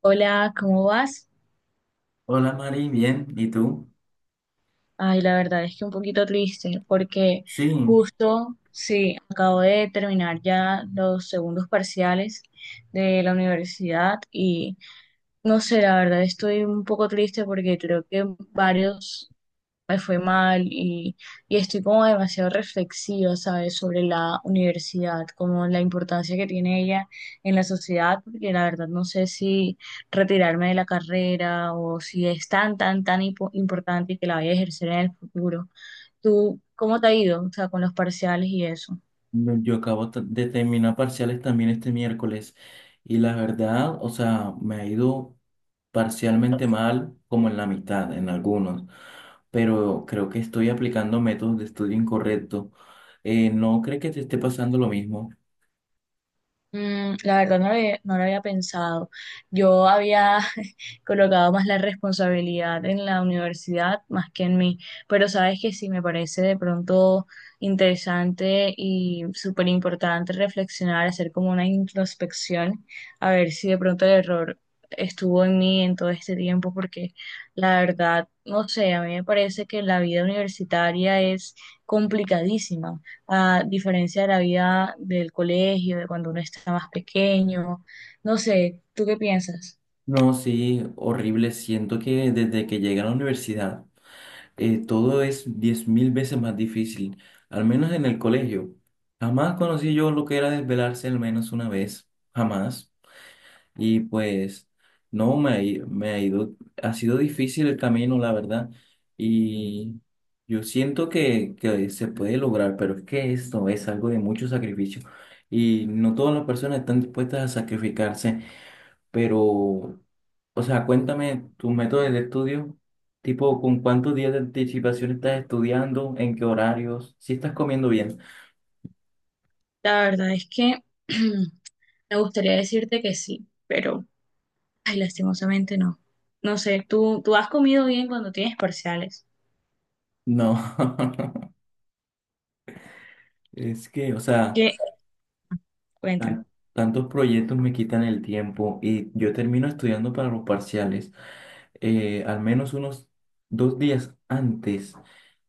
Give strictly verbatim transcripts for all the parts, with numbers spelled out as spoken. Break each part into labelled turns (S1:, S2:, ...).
S1: Hola, ¿cómo vas?
S2: Hola Mari, bien, ¿y tú?
S1: Ay, la verdad es que un poquito triste porque
S2: Sí,
S1: justo, sí, acabo de terminar ya los segundos parciales de la universidad y no sé, la verdad estoy un poco triste porque creo que varios me fue mal y, y estoy como demasiado reflexiva, ¿sabes?, sobre la universidad, como la importancia que tiene ella en la sociedad, porque la verdad no sé si retirarme de la carrera o si es tan, tan, tan impo- importante y que la vaya a ejercer en el futuro. ¿Tú cómo te ha ido, o sea, con los parciales y eso?
S2: no, yo acabo t- de terminar parciales también este miércoles y la verdad, o sea, me ha ido parcialmente mal como en la mitad, en algunos, pero creo que estoy aplicando métodos de estudio incorrecto. Eh, ¿no crees que te esté pasando lo mismo?
S1: Mm, la verdad no lo había, no lo había pensado. Yo había colocado más la responsabilidad en la universidad más que en mí, pero sabes que sí me parece de pronto interesante y súper importante reflexionar, hacer como una introspección, a ver si de pronto el error estuvo en mí en todo este tiempo, porque la verdad, no sé, a mí me parece que la vida universitaria es complicadísima a diferencia de la vida del colegio, de cuando uno está más pequeño. No sé, ¿tú qué piensas?
S2: No, sí, horrible, siento que desde que llegué a la universidad eh, todo es diez mil veces más difícil, al menos en el colegio. Jamás conocí yo lo que era desvelarse al menos una vez, jamás. Y pues no, me, ha i- me ha ido, ha sido difícil el camino, la verdad. Y yo siento que, que se puede lograr, pero es que esto es algo de mucho sacrificio. Y no todas las personas están dispuestas a sacrificarse pero, o sea, cuéntame tus métodos de estudio, tipo, ¿con cuántos días de anticipación estás estudiando? ¿En qué horarios? ¿Si estás comiendo bien?
S1: La verdad es que me gustaría decirte que sí, pero ay, lastimosamente no. No sé, ¿tú, tú has comido bien cuando tienes parciales?
S2: No, es que, o sea,
S1: ¿Qué? Cuéntame.
S2: tan- tantos proyectos me quitan el tiempo y yo termino estudiando para los parciales eh, al menos unos dos días antes.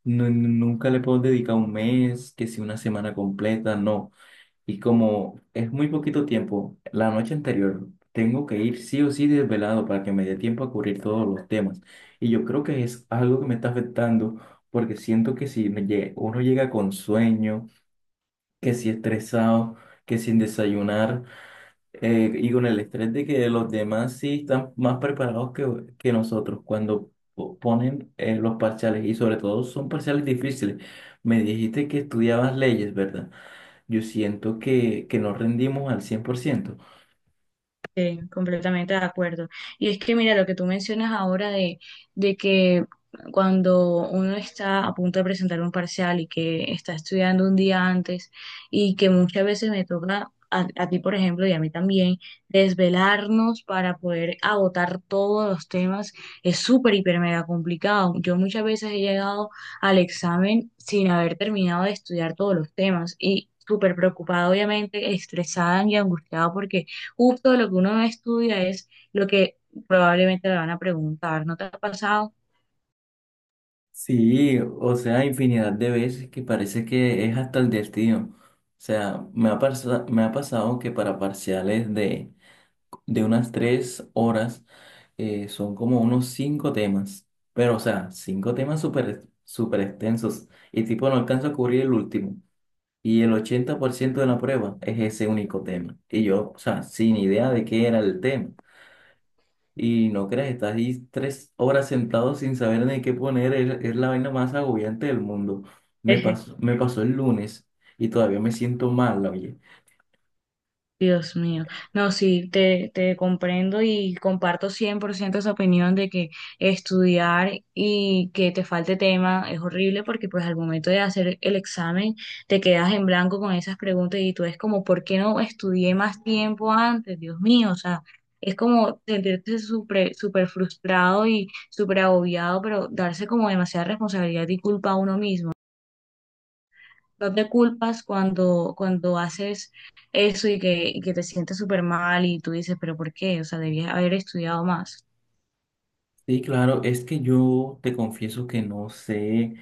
S2: Nu- nunca le puedo dedicar un mes, que si una semana completa, no. Y como es muy poquito tiempo, la noche anterior tengo que ir sí o sí desvelado para que me dé tiempo a cubrir todos los temas. Y yo creo que es algo que me está afectando porque siento que si me lle- uno llega con sueño, que si estresado, que sin desayunar, eh, y con el estrés de que los demás sí están más preparados que, que nosotros cuando po- ponen eh, los parciales y sobre todo son parciales difíciles. Me dijiste que estudiabas leyes, ¿verdad? Yo siento que, que, no rendimos al cien por ciento.
S1: Sí, completamente de acuerdo. Y es que mira lo que tú mencionas ahora de, de que cuando uno está a punto de presentar un parcial y que está estudiando un día antes y que muchas veces me toca a, a ti, por ejemplo, y a mí también, desvelarnos para poder agotar todos los temas es súper, hiper, mega complicado. Yo muchas veces he llegado al examen sin haber terminado de estudiar todos los temas y súper preocupada, obviamente, estresada y angustiada porque justo lo que uno estudia es lo que probablemente le van a preguntar. ¿No te ha pasado?
S2: Sí, o sea, infinidad de veces que parece que es hasta el destino. O sea, me ha, pasado me ha pasado que para parciales de, de unas tres horas eh, son como unos cinco temas. Pero, o sea, cinco temas súper súper extensos. Y tipo, no alcanzo a cubrir el último. Y el ochenta por ciento de la prueba es ese único tema. Y yo, o sea, sin idea de qué era el tema. Y no creas, estás ahí tres horas sentado sin saber ni qué poner, es, es la vaina más agobiante del mundo. Me pasó, me pasó el lunes y todavía me siento mal, oye.
S1: Dios mío, no, sí, te, te comprendo y comparto cien por ciento esa opinión de que estudiar y que te falte tema es horrible porque pues al momento de hacer el examen te quedas en blanco con esas preguntas y tú es como, ¿por qué no estudié más tiempo antes? Dios mío, o sea, es como sentirte súper súper frustrado y súper agobiado, pero darse como demasiada responsabilidad y culpa a uno mismo no te culpas cuando, cuando haces eso y que, y que te sientes súper mal y tú dices, pero ¿por qué? O sea, debías haber estudiado más.
S2: Sí, claro, es que yo te confieso que no sé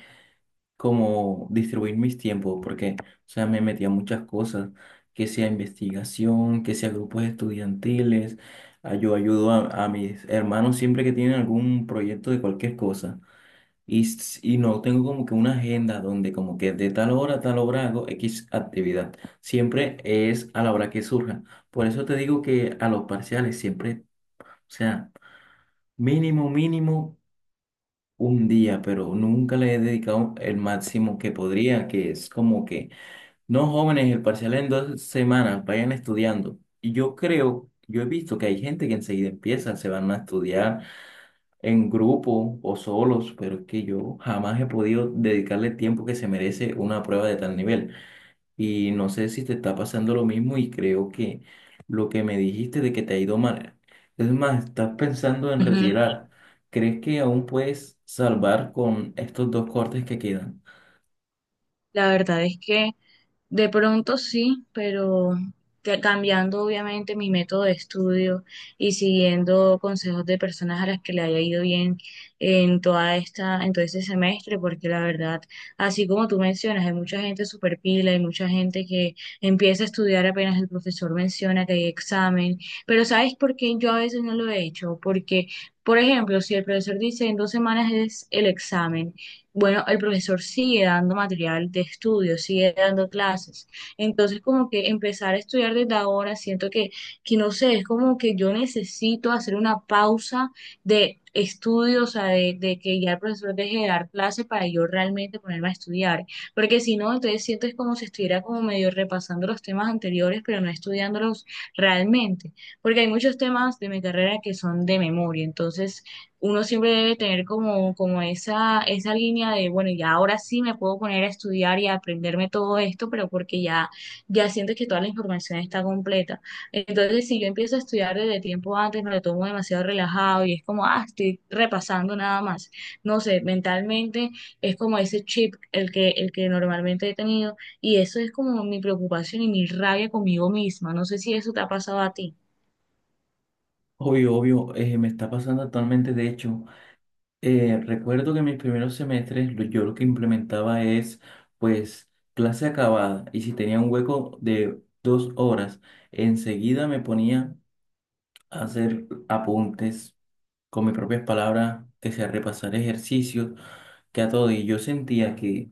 S2: cómo distribuir mis tiempos, porque, o sea, me metí a muchas cosas, que sea investigación, que sea grupos estudiantiles, ah, yo ayudo a, a mis hermanos siempre que tienen algún proyecto de cualquier cosa. Y, s- y no tengo como que una agenda donde como que de tal hora a tal hora hago X actividad. Siempre es a la hora que surja. Por eso te digo que a los parciales siempre, o sea, mínimo, mínimo un día, pero nunca le he dedicado el máximo que podría, que es como que, no jóvenes, el parcial en dos semanas, vayan estudiando. Y yo creo, yo he visto que hay gente que enseguida empieza, se van a estudiar en grupo o solos, pero es que yo jamás he podido dedicarle el tiempo que se merece una prueba de tal nivel. Y no sé si te está pasando lo mismo y creo que lo que me dijiste de que te ha ido mal, es más, estás pensando en
S1: Ujú.
S2: retirar. ¿Crees que aún puedes salvar con estos dos cortes que quedan?
S1: La verdad es que de pronto sí, pero ca- cambiando obviamente mi método de estudio y siguiendo consejos de personas a las que le haya ido bien en toda esta, en todo este semestre, porque la verdad, así como tú mencionas, hay mucha gente super pila, hay mucha gente que empieza a estudiar apenas el profesor menciona que hay examen, pero ¿sabes por qué yo a veces no lo he hecho? Porque, por ejemplo, si el profesor dice en dos semanas es el examen, bueno, el profesor sigue dando material de estudio, sigue dando clases. Entonces, como que empezar a estudiar desde ahora, siento que, que no sé, es como que yo necesito hacer una pausa de estudio, o sea, de, de que ya el profesor deje de dar clases para yo realmente ponerme a estudiar. Porque si no, entonces siento es como si estuviera como medio repasando los temas anteriores, pero no estudiándolos realmente. Porque hay muchos temas de mi carrera que son de memoria, entonces uno siempre debe tener como, como esa, esa línea de, bueno, ya ahora sí me puedo poner a estudiar y a aprenderme todo esto, pero porque ya, ya siento que toda la información está completa. Entonces, si yo empiezo a estudiar desde tiempo antes, me lo tomo demasiado relajado y es como, ah, estoy repasando nada más. No sé, mentalmente es como ese chip el que, el que normalmente he tenido y eso es como mi preocupación y mi rabia conmigo misma. No sé si eso te ha pasado a ti.
S2: Obvio, obvio, eh, me está pasando actualmente, de hecho. Eh, recuerdo que mis primeros semestres lo- yo lo que implementaba es pues clase acabada y si tenía un hueco de dos horas, enseguida me ponía a hacer apuntes con mis propias palabras, que sea repasar ejercicios que a todo. Y yo sentía que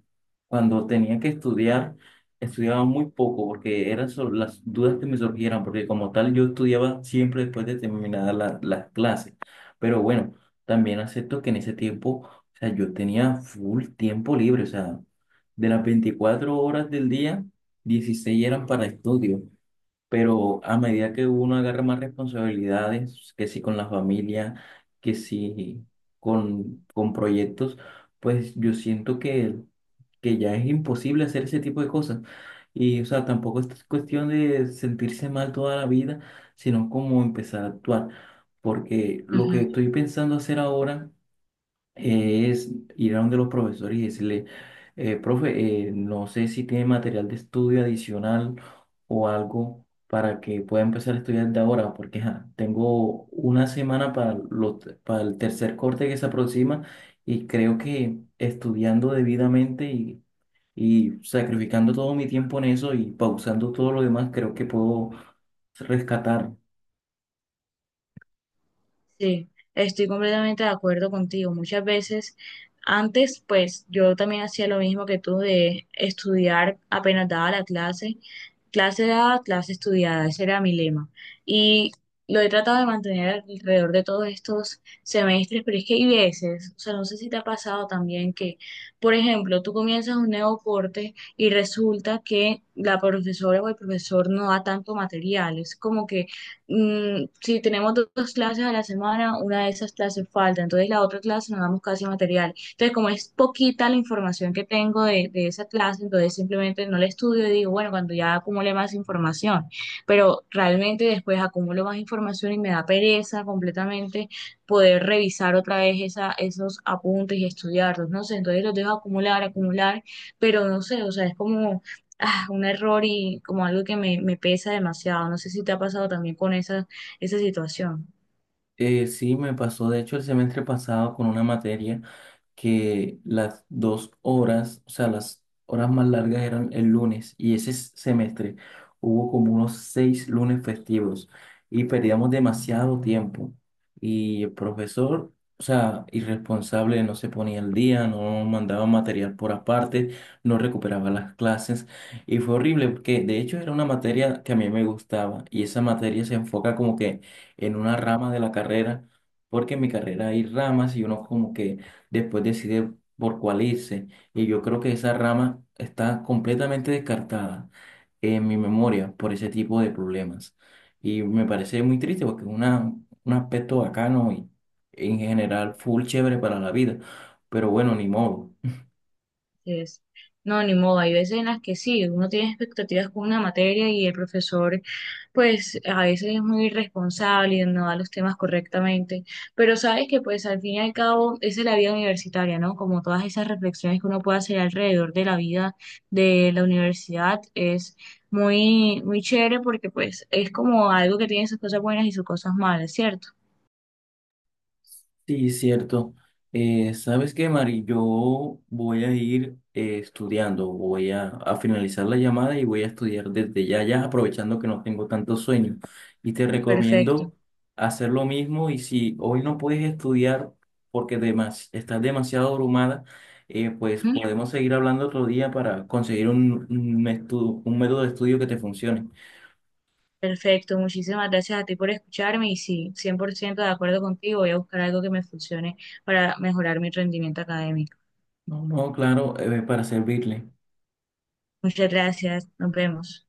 S2: cuando tenía que estudiar, estudiaba muy poco porque eran solo las dudas que me surgieran, porque como tal yo estudiaba siempre después de terminadas la- las clases. Pero bueno, también acepto que en ese tiempo, o sea, yo tenía full tiempo libre, o sea, de las veinticuatro horas del día, dieciséis eran para estudio. Pero a medida que uno agarra más responsabilidades, que sí con la familia, que sí con, con proyectos, pues yo siento que, que ya es imposible hacer ese tipo de cosas. Y, o sea, tampoco es cuestión de sentirse mal toda la vida, sino como empezar a actuar. Porque lo que estoy pensando hacer ahora eh, es ir a donde los profesores y decirle, "Eh, profe, eh, no sé si tiene material de estudio adicional o algo para que pueda empezar a estudiar de ahora, porque ajá, tengo una semana para, lo para el tercer corte que se aproxima y creo que estudiando debidamente y, y sacrificando todo mi tiempo en eso y pausando todo lo demás, creo que puedo rescatar.
S1: Sí, estoy completamente de acuerdo contigo. Muchas veces, antes, pues yo también hacía lo mismo que tú de estudiar apenas daba la clase, clase dada, clase estudiada, ese era mi lema. Y lo he tratado de mantener alrededor de todos estos semestres, pero es que hay veces, o sea, no sé si te ha pasado también que, por ejemplo, tú comienzas un nuevo corte y resulta que la profesora o el profesor no da tanto material. Es como que mm, si tenemos do- dos clases a la semana, una de esas clases falta, entonces la otra clase nos damos casi material. Entonces, como es poquita la información que tengo de, de esa clase, entonces simplemente no la estudio y digo, bueno, cuando ya acumule más información, pero realmente después acumulo más información y me da pereza completamente poder revisar otra vez esa, esos apuntes y estudiarlos, no sé, entonces los dejo acumular, acumular, pero no sé, o sea, es como ah, un error y como algo que me, me pesa demasiado. No sé si te ha pasado también con esa, esa situación.
S2: Eh, sí, me pasó de hecho el semestre pasado con una materia, que las dos horas, o sea, las horas más largas eran el lunes y ese s- semestre hubo como unos seis lunes festivos y perdíamos demasiado tiempo y el profesor, o sea, irresponsable, no se ponía al día, no mandaba material por aparte, no recuperaba las clases y fue horrible porque de hecho era una materia que a mí me gustaba y esa materia se enfoca como que en una rama de la carrera. Porque en mi carrera hay ramas y uno como que después decide por cuál irse. Y yo creo que esa rama está completamente descartada en mi memoria por ese tipo de problemas. Y me parece muy triste porque es una, un aspecto bacano y en general full chévere para la vida. Pero bueno, ni modo.
S1: Es, no, ni modo. Hay veces en las que sí, uno tiene expectativas con una materia y el profesor, pues a veces es muy irresponsable y no da los temas correctamente. Pero sabes que pues al fin y al cabo esa es la vida universitaria, ¿no? Como todas esas reflexiones que uno puede hacer alrededor de la vida de la universidad es muy, muy chévere porque pues es como algo que tiene sus cosas buenas y sus cosas malas, ¿cierto?
S2: Sí, cierto. Eh, ¿sabes qué, Mari? Yo voy a ir eh, estudiando, voy a, a finalizar la llamada y voy a estudiar desde ya, ya aprovechando que no tengo tanto sueño. Y te
S1: Perfecto.
S2: recomiendo hacer lo mismo y si hoy no puedes estudiar porque demas, estás demasiado abrumada, eh, pues
S1: ¿Mm?
S2: podemos seguir hablando otro día para conseguir un, un, estu- un método de estudio que te funcione.
S1: Perfecto. Muchísimas gracias a ti por escucharme y sí, cien por ciento de acuerdo contigo. Voy a buscar algo que me funcione para mejorar mi rendimiento académico.
S2: No, no, claro, eh, para servirle.
S1: Muchas gracias. Nos vemos.